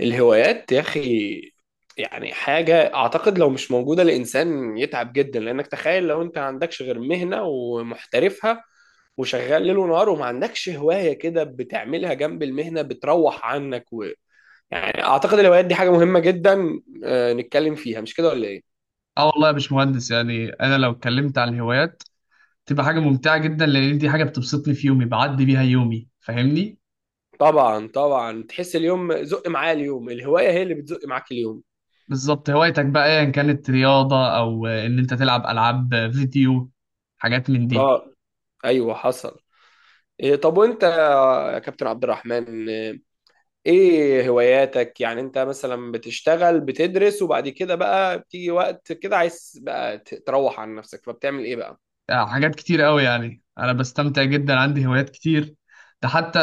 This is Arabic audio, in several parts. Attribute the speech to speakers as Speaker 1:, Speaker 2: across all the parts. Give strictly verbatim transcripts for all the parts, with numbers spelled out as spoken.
Speaker 1: الهوايات يا أخي، يعني حاجة أعتقد لو مش موجودة الإنسان يتعب جدا، لأنك تخيل لو أنت ما عندكش غير مهنة ومحترفها وشغال ليل ونهار وما عندكش هواية كده بتعملها جنب المهنة بتروح عنك و... يعني أعتقد الهوايات دي حاجة مهمة جدا، آه، نتكلم فيها مش كده ولا إيه؟
Speaker 2: اه والله يا باشمهندس، يعني انا لو اتكلمت عن الهوايات تبقى حاجه ممتعه جدا، لان دي حاجه بتبسطني في يومي، بعدي بيها يومي، فاهمني.
Speaker 1: طبعا طبعا، تحس اليوم زق معايا، اليوم الهواية هي اللي بتزق معاك اليوم.
Speaker 2: بالظبط، هوايتك بقى ايا كانت رياضه او ان انت تلعب العاب فيديو، حاجات من دي.
Speaker 1: اه. ايوه، حصل. إيه، طب وانت يا كابتن عبد الرحمن، آه، ايه هواياتك؟ يعني انت مثلا بتشتغل بتدرس وبعد كده بقى بتيجي وقت كده عايز بقى ت- تروح عن نفسك فبتعمل ايه بقى؟
Speaker 2: آه، حاجات كتير قوي، يعني انا بستمتع جدا، عندي هوايات كتير. ده حتى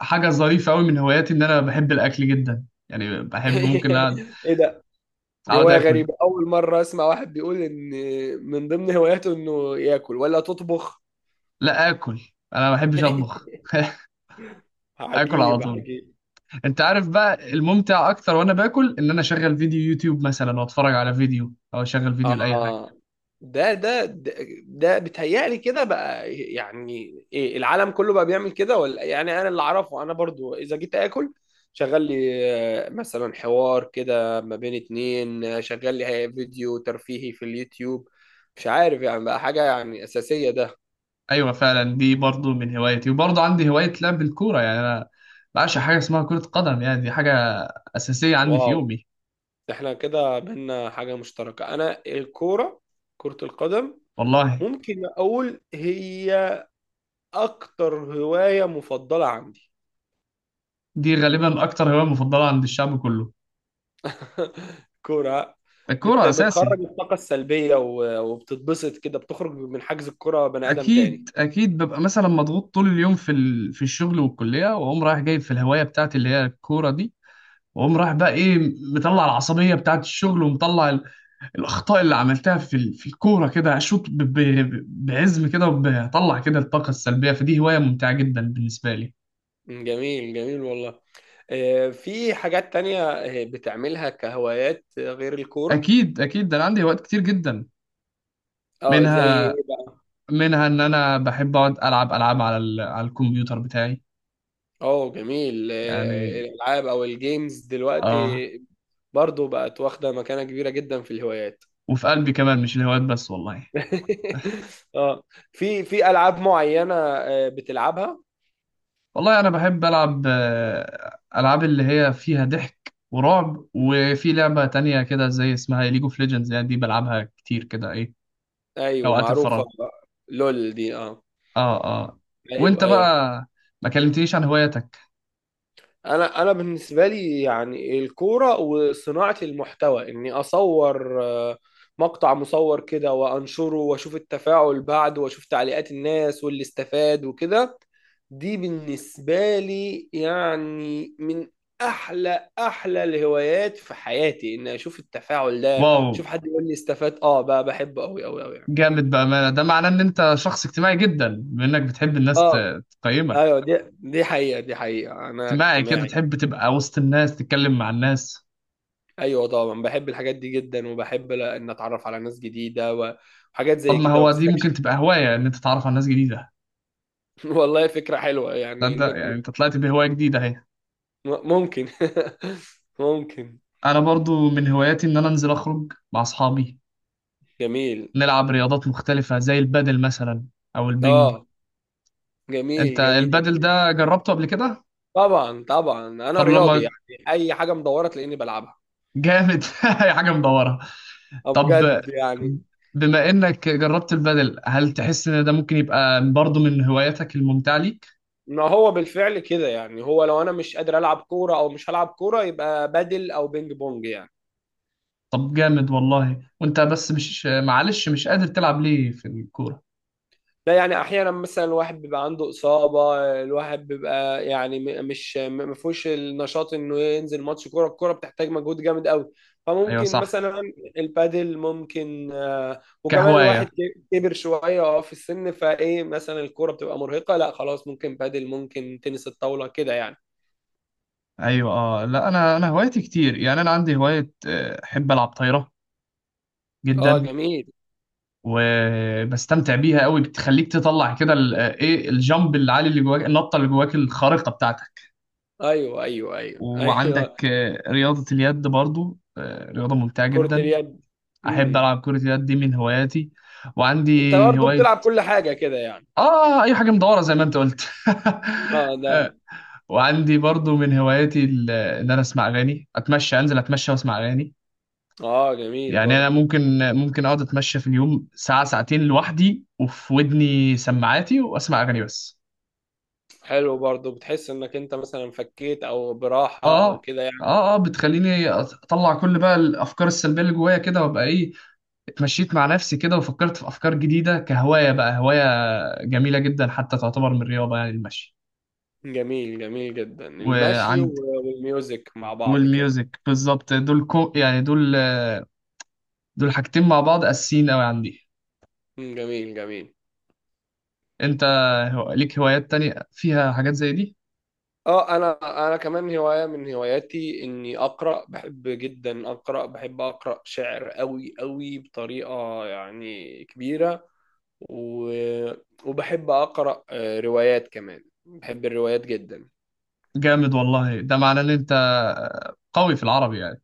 Speaker 2: حاجه ظريفه قوي من هواياتي ان انا بحب الاكل جدا، يعني بحب ممكن اقعد
Speaker 1: ايه ده؟ دي
Speaker 2: أقعد
Speaker 1: هواية
Speaker 2: اكل.
Speaker 1: غريبة، اول مرة اسمع واحد بيقول ان من ضمن هواياته انه ياكل. ولا تطبخ؟
Speaker 2: لا اكل، انا ما بحبش اطبخ اكل على
Speaker 1: عجيب
Speaker 2: طول.
Speaker 1: عجيب.
Speaker 2: انت عارف بقى الممتع اكتر وانا باكل؟ ان انا اشغل فيديو يوتيوب مثلا واتفرج على فيديو، او اشغل فيديو لاي حاجه.
Speaker 1: اه. ده ده ده, ده بيتهيألي كده بقى، يعني ايه، العالم كله بقى بيعمل كده ولا؟ يعني انا اللي اعرفه، انا برضو اذا جيت اكل شغال لي، آه، مثلا حوار كده ما بين اتنين، آه، شغال لي هي- فيديو ترفيهي في اليوتيوب. مش عارف، يعني بقى حاجة يعني أساسية ده.
Speaker 2: ايوه فعلا، دي برضو من هوايتي، وبرضو عندي هوايه لعب الكوره، يعني انا بعشق حاجه اسمها كره قدم، يعني دي حاجه اساسيه عندي في
Speaker 1: واو،
Speaker 2: يومي.
Speaker 1: ده احنا كده بينا حاجة مشتركة، انا الكورة، كرة القدم،
Speaker 2: والله
Speaker 1: ممكن اقول هي اكتر هواية مفضلة عندي.
Speaker 2: دي غالبا اكتر هوايه مفضله عند الشعب كله،
Speaker 1: كورة. بت...
Speaker 2: الكوره اساسي.
Speaker 1: بتخرج الطاقة السلبية و... وبتتبسط كده، بتخرج من حجز الكرة بني آدم تاني.
Speaker 2: اكيد اكيد، ببقى مثلا مضغوط طول اليوم في ال... في الشغل والكليه، واقوم رايح جايب في الهوايه بتاعتي اللي هي الكوره دي، واقوم رايح بقى ايه، مطلع العصبيه بتاعت الشغل، ومطلع الاخطاء اللي عملتها في ال- في الكوره، كده اشوط ب- ب- بعزم كده، وبطلع كده الطاقه السلبيه، فدي هوايه ممتعه جدا بالنسبه لي.
Speaker 1: جميل جميل والله. آه، في حاجات تانية آه، بتعملها كهوايات آه، غير الكورة؟
Speaker 2: اكيد اكيد، ده انا عندي هوايات كتير جدا.
Speaker 1: اه زي ايه
Speaker 2: منها،
Speaker 1: بقى؟
Speaker 2: منها ان انا بحب اقعد العب العاب على ال- على الكمبيوتر بتاعي.
Speaker 1: اه جميل، آه،
Speaker 2: يعني
Speaker 1: الالعاب او الجيمز دلوقتي
Speaker 2: اه.
Speaker 1: برضو بقت واخدة مكانة كبيرة جدا في الهوايات.
Speaker 2: وفي قلبي كمان مش الهوايات بس والله.
Speaker 1: اه، في في العاب معينة آه، بتلعبها؟
Speaker 2: والله انا بحب العب آه، العاب اللي هي فيها ضحك ورعب، وفي لعبه تانية كده زي اسمها ليج اوف ليجندز، يعني دي بلعبها كتير كده ايه
Speaker 1: ايوه
Speaker 2: اوقات
Speaker 1: معروفة.
Speaker 2: الفراغ.
Speaker 1: لول دي اه.
Speaker 2: اه اه. وانت
Speaker 1: ايوه ايوه.
Speaker 2: بقى ما كلمتنيش عن هواياتك.
Speaker 1: انا انا بالنسبه لي يعني الكوره وصناعه المحتوى، اني اصور آه، مقطع مصور كده وانشره واشوف التفاعل بعده واشوف تعليقات الناس واللي استفاد وكده. دي بالنسبه لي يعني من احلى احلى الهوايات في حياتي، اني اشوف التفاعل ده،
Speaker 2: واو،
Speaker 1: اشوف حد يقول لي استفاد. اه بقى بحبه قوي قوي قوي يعني.
Speaker 2: جامد بأمانة. ده معناه ان انت شخص اجتماعي جدا، بانك بتحب الناس
Speaker 1: اه
Speaker 2: ت- تقيمك،
Speaker 1: ايوه، دي دي حقيقه، دي حقيقه، انا
Speaker 2: اجتماعي كده،
Speaker 1: اجتماعي.
Speaker 2: تحب تبقى وسط الناس، تتكلم مع الناس.
Speaker 1: ايوه طبعا، بحب الحاجات دي جدا، وبحب ل- ان اتعرف على ناس جديده و- وحاجات
Speaker 2: طب
Speaker 1: زي
Speaker 2: ما
Speaker 1: كده
Speaker 2: هو دي ممكن
Speaker 1: واستكشف.
Speaker 2: تبقى هواية، ان انت تتعرف على ناس جديدة.
Speaker 1: والله فكره حلوه،
Speaker 2: ده,
Speaker 1: يعني
Speaker 2: ده
Speaker 1: انك م-
Speaker 2: يعني انت طلعت بهواية جديدة اهي.
Speaker 1: ممكن. ممكن.
Speaker 2: انا برضو من هواياتي ان انا انزل اخرج مع اصحابي،
Speaker 1: جميل.
Speaker 2: نلعب رياضات مختلفة زي البادل مثلا او البنج.
Speaker 1: اه
Speaker 2: انت
Speaker 1: جميل جميل.
Speaker 2: البادل ده جربته قبل كده؟
Speaker 1: طبعا طبعا، انا
Speaker 2: طب
Speaker 1: رياضي
Speaker 2: لما
Speaker 1: يعني، اي حاجه مدوره تلاقيني بلعبها.
Speaker 2: جامد هي حاجة مدورة.
Speaker 1: اه
Speaker 2: طب
Speaker 1: بجد يعني.
Speaker 2: بما انك جربت البادل، هل تحس ان ده ممكن يبقى برضه من هواياتك الممتعة ليك؟
Speaker 1: ما هو بالفعل كده يعني، هو لو انا مش قادر العب كوره او مش هلعب كوره يبقى بدل او بينج بونج يعني.
Speaker 2: طب جامد والله. وانت بس، مش معلش، مش قادر تلعب ليه في الكورة؟
Speaker 1: لا يعني احيانا مثلا الواحد بيبقى عنده اصابه، الواحد بيبقى يعني م- مش م- ما فيهوش النشاط انه ينزل ماتش كوره، الكوره بتحتاج مجهود جامد قوي،
Speaker 2: ايوه
Speaker 1: فممكن
Speaker 2: صح.
Speaker 1: مثلا البادل ممكن، آه، وكمان الواحد
Speaker 2: كهواية.
Speaker 1: ك- كبر شويه اه في السن، فايه مثلا الكوره بتبقى مرهقه، لا خلاص، ممكن بادل، ممكن تنس الطاوله كده يعني.
Speaker 2: ايوه اه. لا انا، انا هوايتي كتير، يعني انا عندي هواية، آه، احب العب طايرة
Speaker 1: اه
Speaker 2: جدا،
Speaker 1: جميل.
Speaker 2: وبستمتع بيها قوي، بتخليك تطلع كده ال- آه، ايه الجامب العالي اللي جواك، النطة اللي جواك الخارقة بتاعتك.
Speaker 1: ايوه ايوه ايوه ايوه.
Speaker 2: وعندك آه، رياضة اليد برضو، آه، رياضة ممتعة
Speaker 1: كرة
Speaker 2: جدا.
Speaker 1: اليد.
Speaker 2: احب
Speaker 1: امم.
Speaker 2: العب كرة اليد، دي من هواياتي.
Speaker 1: انت
Speaker 2: وعندي
Speaker 1: برضه
Speaker 2: هواية.
Speaker 1: بتلعب كل حاجه كده يعني.
Speaker 2: اه اي حاجة مدورة زي ما انت قلت
Speaker 1: اه ده.
Speaker 2: آه، وعندي برضو من هواياتي ال- ان انا اسمع اغاني، اتمشى، انزل اتمشى واسمع اغاني.
Speaker 1: اه جميل
Speaker 2: يعني انا
Speaker 1: برضه.
Speaker 2: ممكن، ممكن اقعد اتمشى في اليوم ساعة ساعتين لوحدي، وفي ودني سماعاتي واسمع اغاني بس.
Speaker 1: حلو برضه، بتحس انك انت مثلا فكيت او براحة او
Speaker 2: اه
Speaker 1: كده يعني.
Speaker 2: اه. اه بتخليني اطلع كل بقى الافكار السلبيه اللي جوايا كده، وابقى ايه، اتمشيت مع نفسي كده وفكرت في افكار جديده، كهوايه بقى، هوايه جميله جدا، حتى تعتبر من الرياضه يعني المشي.
Speaker 1: جميل جميل جدا المشي و-
Speaker 2: وعند،
Speaker 1: والميوزك مع بعض كده.
Speaker 2: والميوزك بالظبط، دول كو يعني دول، دول حاجتين مع بعض اساسيين قوي عندي.
Speaker 1: مم، جميل جميل.
Speaker 2: انت هو- ليك هوايات تانية فيها حاجات زي دي؟
Speaker 1: اه، انا انا كمان هواية من هواياتي اني اقرأ، بحب جدا اقرأ، بحب اقرأ شعر قوي قوي بطريقة يعني كبيرة، و... وبحب اقرأ آه، روايات كمان، بحب الروايات جدا.
Speaker 2: جامد والله. ده معناه ان انت قوي في العربي يعني.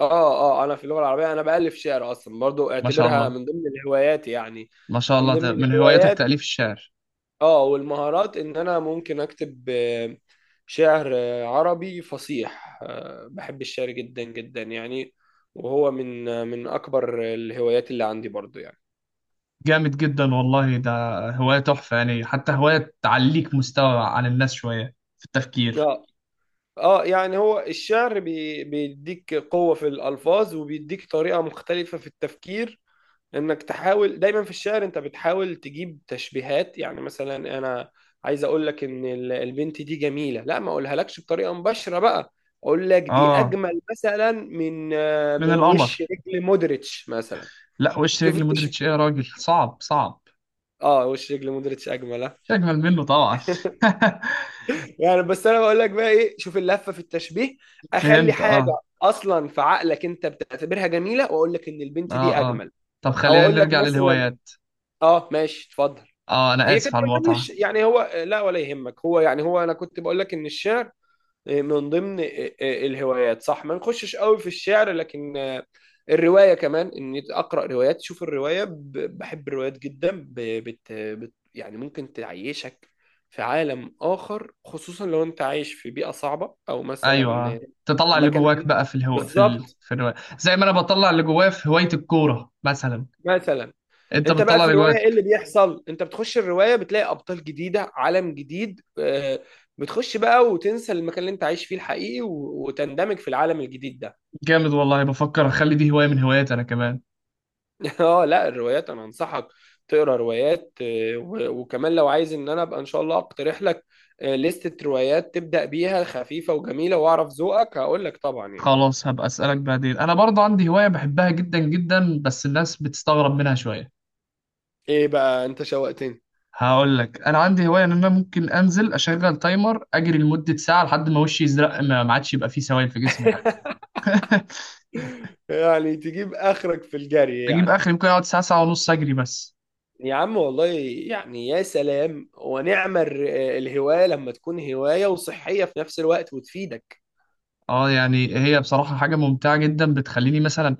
Speaker 1: اه اه، انا في اللغه العربيه انا بالف شعر اصلا، برضو
Speaker 2: ما شاء
Speaker 1: اعتبرها
Speaker 2: الله،
Speaker 1: من ضمن الهوايات يعني.
Speaker 2: ما شاء
Speaker 1: من
Speaker 2: الله،
Speaker 1: ضمن
Speaker 2: ده من هواياتك
Speaker 1: الهوايات،
Speaker 2: تأليف الشعر.
Speaker 1: اه، والمهارات ان انا ممكن اكتب آه، شعر آه، عربي فصيح، آه، بحب الشعر جدا جدا يعني، وهو من آه، من اكبر الهوايات اللي عندي برضو يعني.
Speaker 2: جامد جدا والله، ده هواية تحفة يعني، حتى هواية تعليك مستوى عن الناس شوية في التفكير.
Speaker 1: اه اه، يعني هو الشعر بي بيديك قوة في الألفاظ، وبيديك طريقة مختلفة في التفكير، انك تحاول دايما في الشعر، انت بتحاول تجيب تشبيهات، يعني مثلا انا عايز اقول لك ان ال- البنت دي جميله، لا ما اقولها لكش بطريقه مباشره بقى، اقول لك دي
Speaker 2: اه،
Speaker 1: اجمل مثلا من آه،
Speaker 2: من
Speaker 1: من وش
Speaker 2: القمر.
Speaker 1: رجل مودريتش مثلا.
Speaker 2: لا، وش
Speaker 1: شوف
Speaker 2: رجل مدرتش
Speaker 1: التشبيه.
Speaker 2: ايه يا راجل، صعب صعب.
Speaker 1: اه، وش رجل مودريتش اجمل آه.
Speaker 2: مش اجمل منه طبعا
Speaker 1: يعني بس انا بقول لك بقى ايه، شوف اللفه في التشبيه، اخلي
Speaker 2: فهمت
Speaker 1: حاجه
Speaker 2: اه.
Speaker 1: اصلا في عقلك، انت بتعتبرها جميله، واقول لك ان البنت
Speaker 2: اه
Speaker 1: دي
Speaker 2: اه.
Speaker 1: اجمل،
Speaker 2: طب
Speaker 1: او
Speaker 2: خلينا
Speaker 1: اقول لك
Speaker 2: نرجع
Speaker 1: مثلا.
Speaker 2: للهوايات.
Speaker 1: اه ماشي اتفضل.
Speaker 2: اه انا
Speaker 1: هي
Speaker 2: اسف
Speaker 1: كانت
Speaker 2: على
Speaker 1: من ضمن
Speaker 2: المقاطعه.
Speaker 1: الش... يعني هو لا ولا يهمك، هو يعني هو انا كنت بقول لك ان الشعر آه، من ضمن آه، آه، الهوايات، صح، ما نخشش قوي في الشعر، لكن آه، الروايه كمان اني اقرا روايات، شوف الروايه ب- بحب الروايات جدا، ب- بت... بت... يعني ممكن تعيشك في عالم اخر، خصوصا لو انت عايش في بيئه صعبه او
Speaker 2: ايوه.
Speaker 1: مثلا آه،
Speaker 2: آه، تطلع اللي
Speaker 1: المكان
Speaker 2: جواك
Speaker 1: اللي انت-
Speaker 2: بقى في الهو... في ال...
Speaker 1: بالظبط،
Speaker 2: في الهواية. زي ما انا بطلع اللي جوايا في هوايه الكوره مثلا.
Speaker 1: مثلا
Speaker 2: انت
Speaker 1: انت بقى
Speaker 2: بتطلع
Speaker 1: في
Speaker 2: اللي
Speaker 1: الروايه ايه اللي
Speaker 2: جواك.
Speaker 1: بيحصل، انت بتخش الروايه بتلاقي ابطال جديده عالم جديد، آه، بتخش بقى وتنسى المكان اللي انت عايش فيه الحقيقي و- وتندمج في العالم الجديد ده.
Speaker 2: جامد والله، بفكر اخلي دي هوايه من هواياتي انا كمان.
Speaker 1: اه لا، الروايات، انا انصحك تقرا روايات، آه، و- وكمان لو عايز ان انا ابقى ان شاء الله اقترح لك آه، لستة روايات تبدأ بيها خفيفة وجميلة، واعرف ذوقك هقول لك طبعا يعني.
Speaker 2: خلاص هبقى اسالك بعدين. انا برضه عندي هوايه بحبها جدا جدا، بس الناس بتستغرب منها شويه.
Speaker 1: ايه بقى؟ انت شوقتني.
Speaker 2: هقول لك، انا عندي هوايه ان انا ممكن انزل اشغل تايمر اجري لمده ساعه، لحد ما وشي يزرق، ما ما عادش يبقى فيه سوائل في جسمي حتى
Speaker 1: يعني تجيب اخرك في الجري
Speaker 2: بجيب
Speaker 1: يعني؟
Speaker 2: اخر، ممكن اقعد ساعه، ساعه ونص اجري بس.
Speaker 1: يا عم والله، يعني يا سلام، ونعم الر- الهواية لما تكون هواية وصحية في نفس الوقت وتفيدك.
Speaker 2: اه يعني هي بصراحه حاجه ممتعه جدا، بتخليني مثلا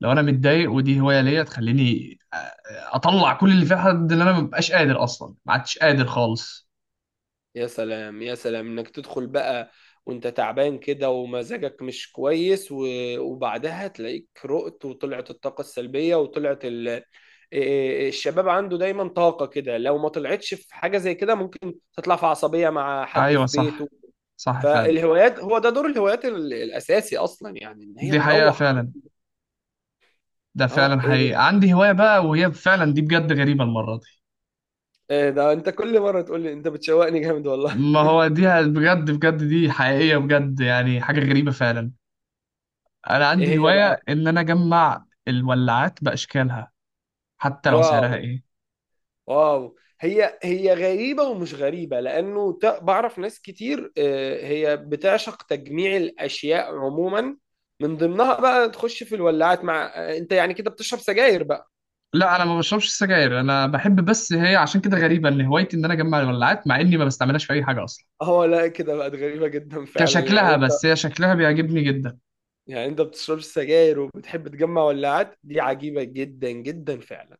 Speaker 2: لو انا متضايق، ودي هوايه ليا تخليني، آه، آه، اطلع كل اللي في حد، اللي انا مبقاش قادر اصلا، ما عدتش قادر خالص.
Speaker 1: يا سلام يا سلام، انك تدخل بقى وانت تعبان كده ومزاجك مش كويس و- وبعدها تلاقيك رقت وطلعت الطاقة السلبية وطلعت ال... آه، آه، آه، الشباب عنده دايما طاقة كده، لو ما طلعتش في حاجة زي كده ممكن تطلع في عصبية مع حد
Speaker 2: ايوه
Speaker 1: في بيته.
Speaker 2: صح، صح فعلا.
Speaker 1: فالهوايات، هو ده دور الهوايات ال- الأساسي أصلا يعني، إن هي
Speaker 2: دي حقيقه
Speaker 1: تروح.
Speaker 2: فعلا، ده
Speaker 1: اه،
Speaker 2: فعلا
Speaker 1: إيه،
Speaker 2: حقيقه. عندي هوايه بقى، وهي فعلا دي بجد غريبه المره دي.
Speaker 1: ايه ده، انت كل مره تقول لي انت بتشوقني جامد والله.
Speaker 2: ما هو دي بجد بجد، دي حقيقيه بجد، يعني حاجه غريبه فعلا. انا
Speaker 1: ايه
Speaker 2: عندي
Speaker 1: هي
Speaker 2: هوايه
Speaker 1: بقى؟
Speaker 2: ان انا اجمع الولاعات باشكالها، حتى لو
Speaker 1: واو
Speaker 2: سعرها ايه.
Speaker 1: واو، هي هي غريبه ومش غريبه، لانه ت- بعرف ناس كتير، آه، هي بتعشق تجميع الاشياء عموما، من ضمنها بقى تخش في الولاعات. مع آه، انت يعني كده بتشرب سجاير بقى؟
Speaker 2: لا انا ما بشربش سجاير، انا بحب بس، هي عشان كده غريبه، ان هوايتي ان انا اجمع الولاعات مع اني ما بستعملهاش في اي حاجه اصلا.
Speaker 1: اه لا، كده بقت غريبه جدا فعلا يعني،
Speaker 2: كشكلها
Speaker 1: انت
Speaker 2: بس، هي شكلها بيعجبني جدا.
Speaker 1: يعني انت بتشربش سجاير وبتحب تجمع ولاعات، دي عجيبه جدا جدا فعلا.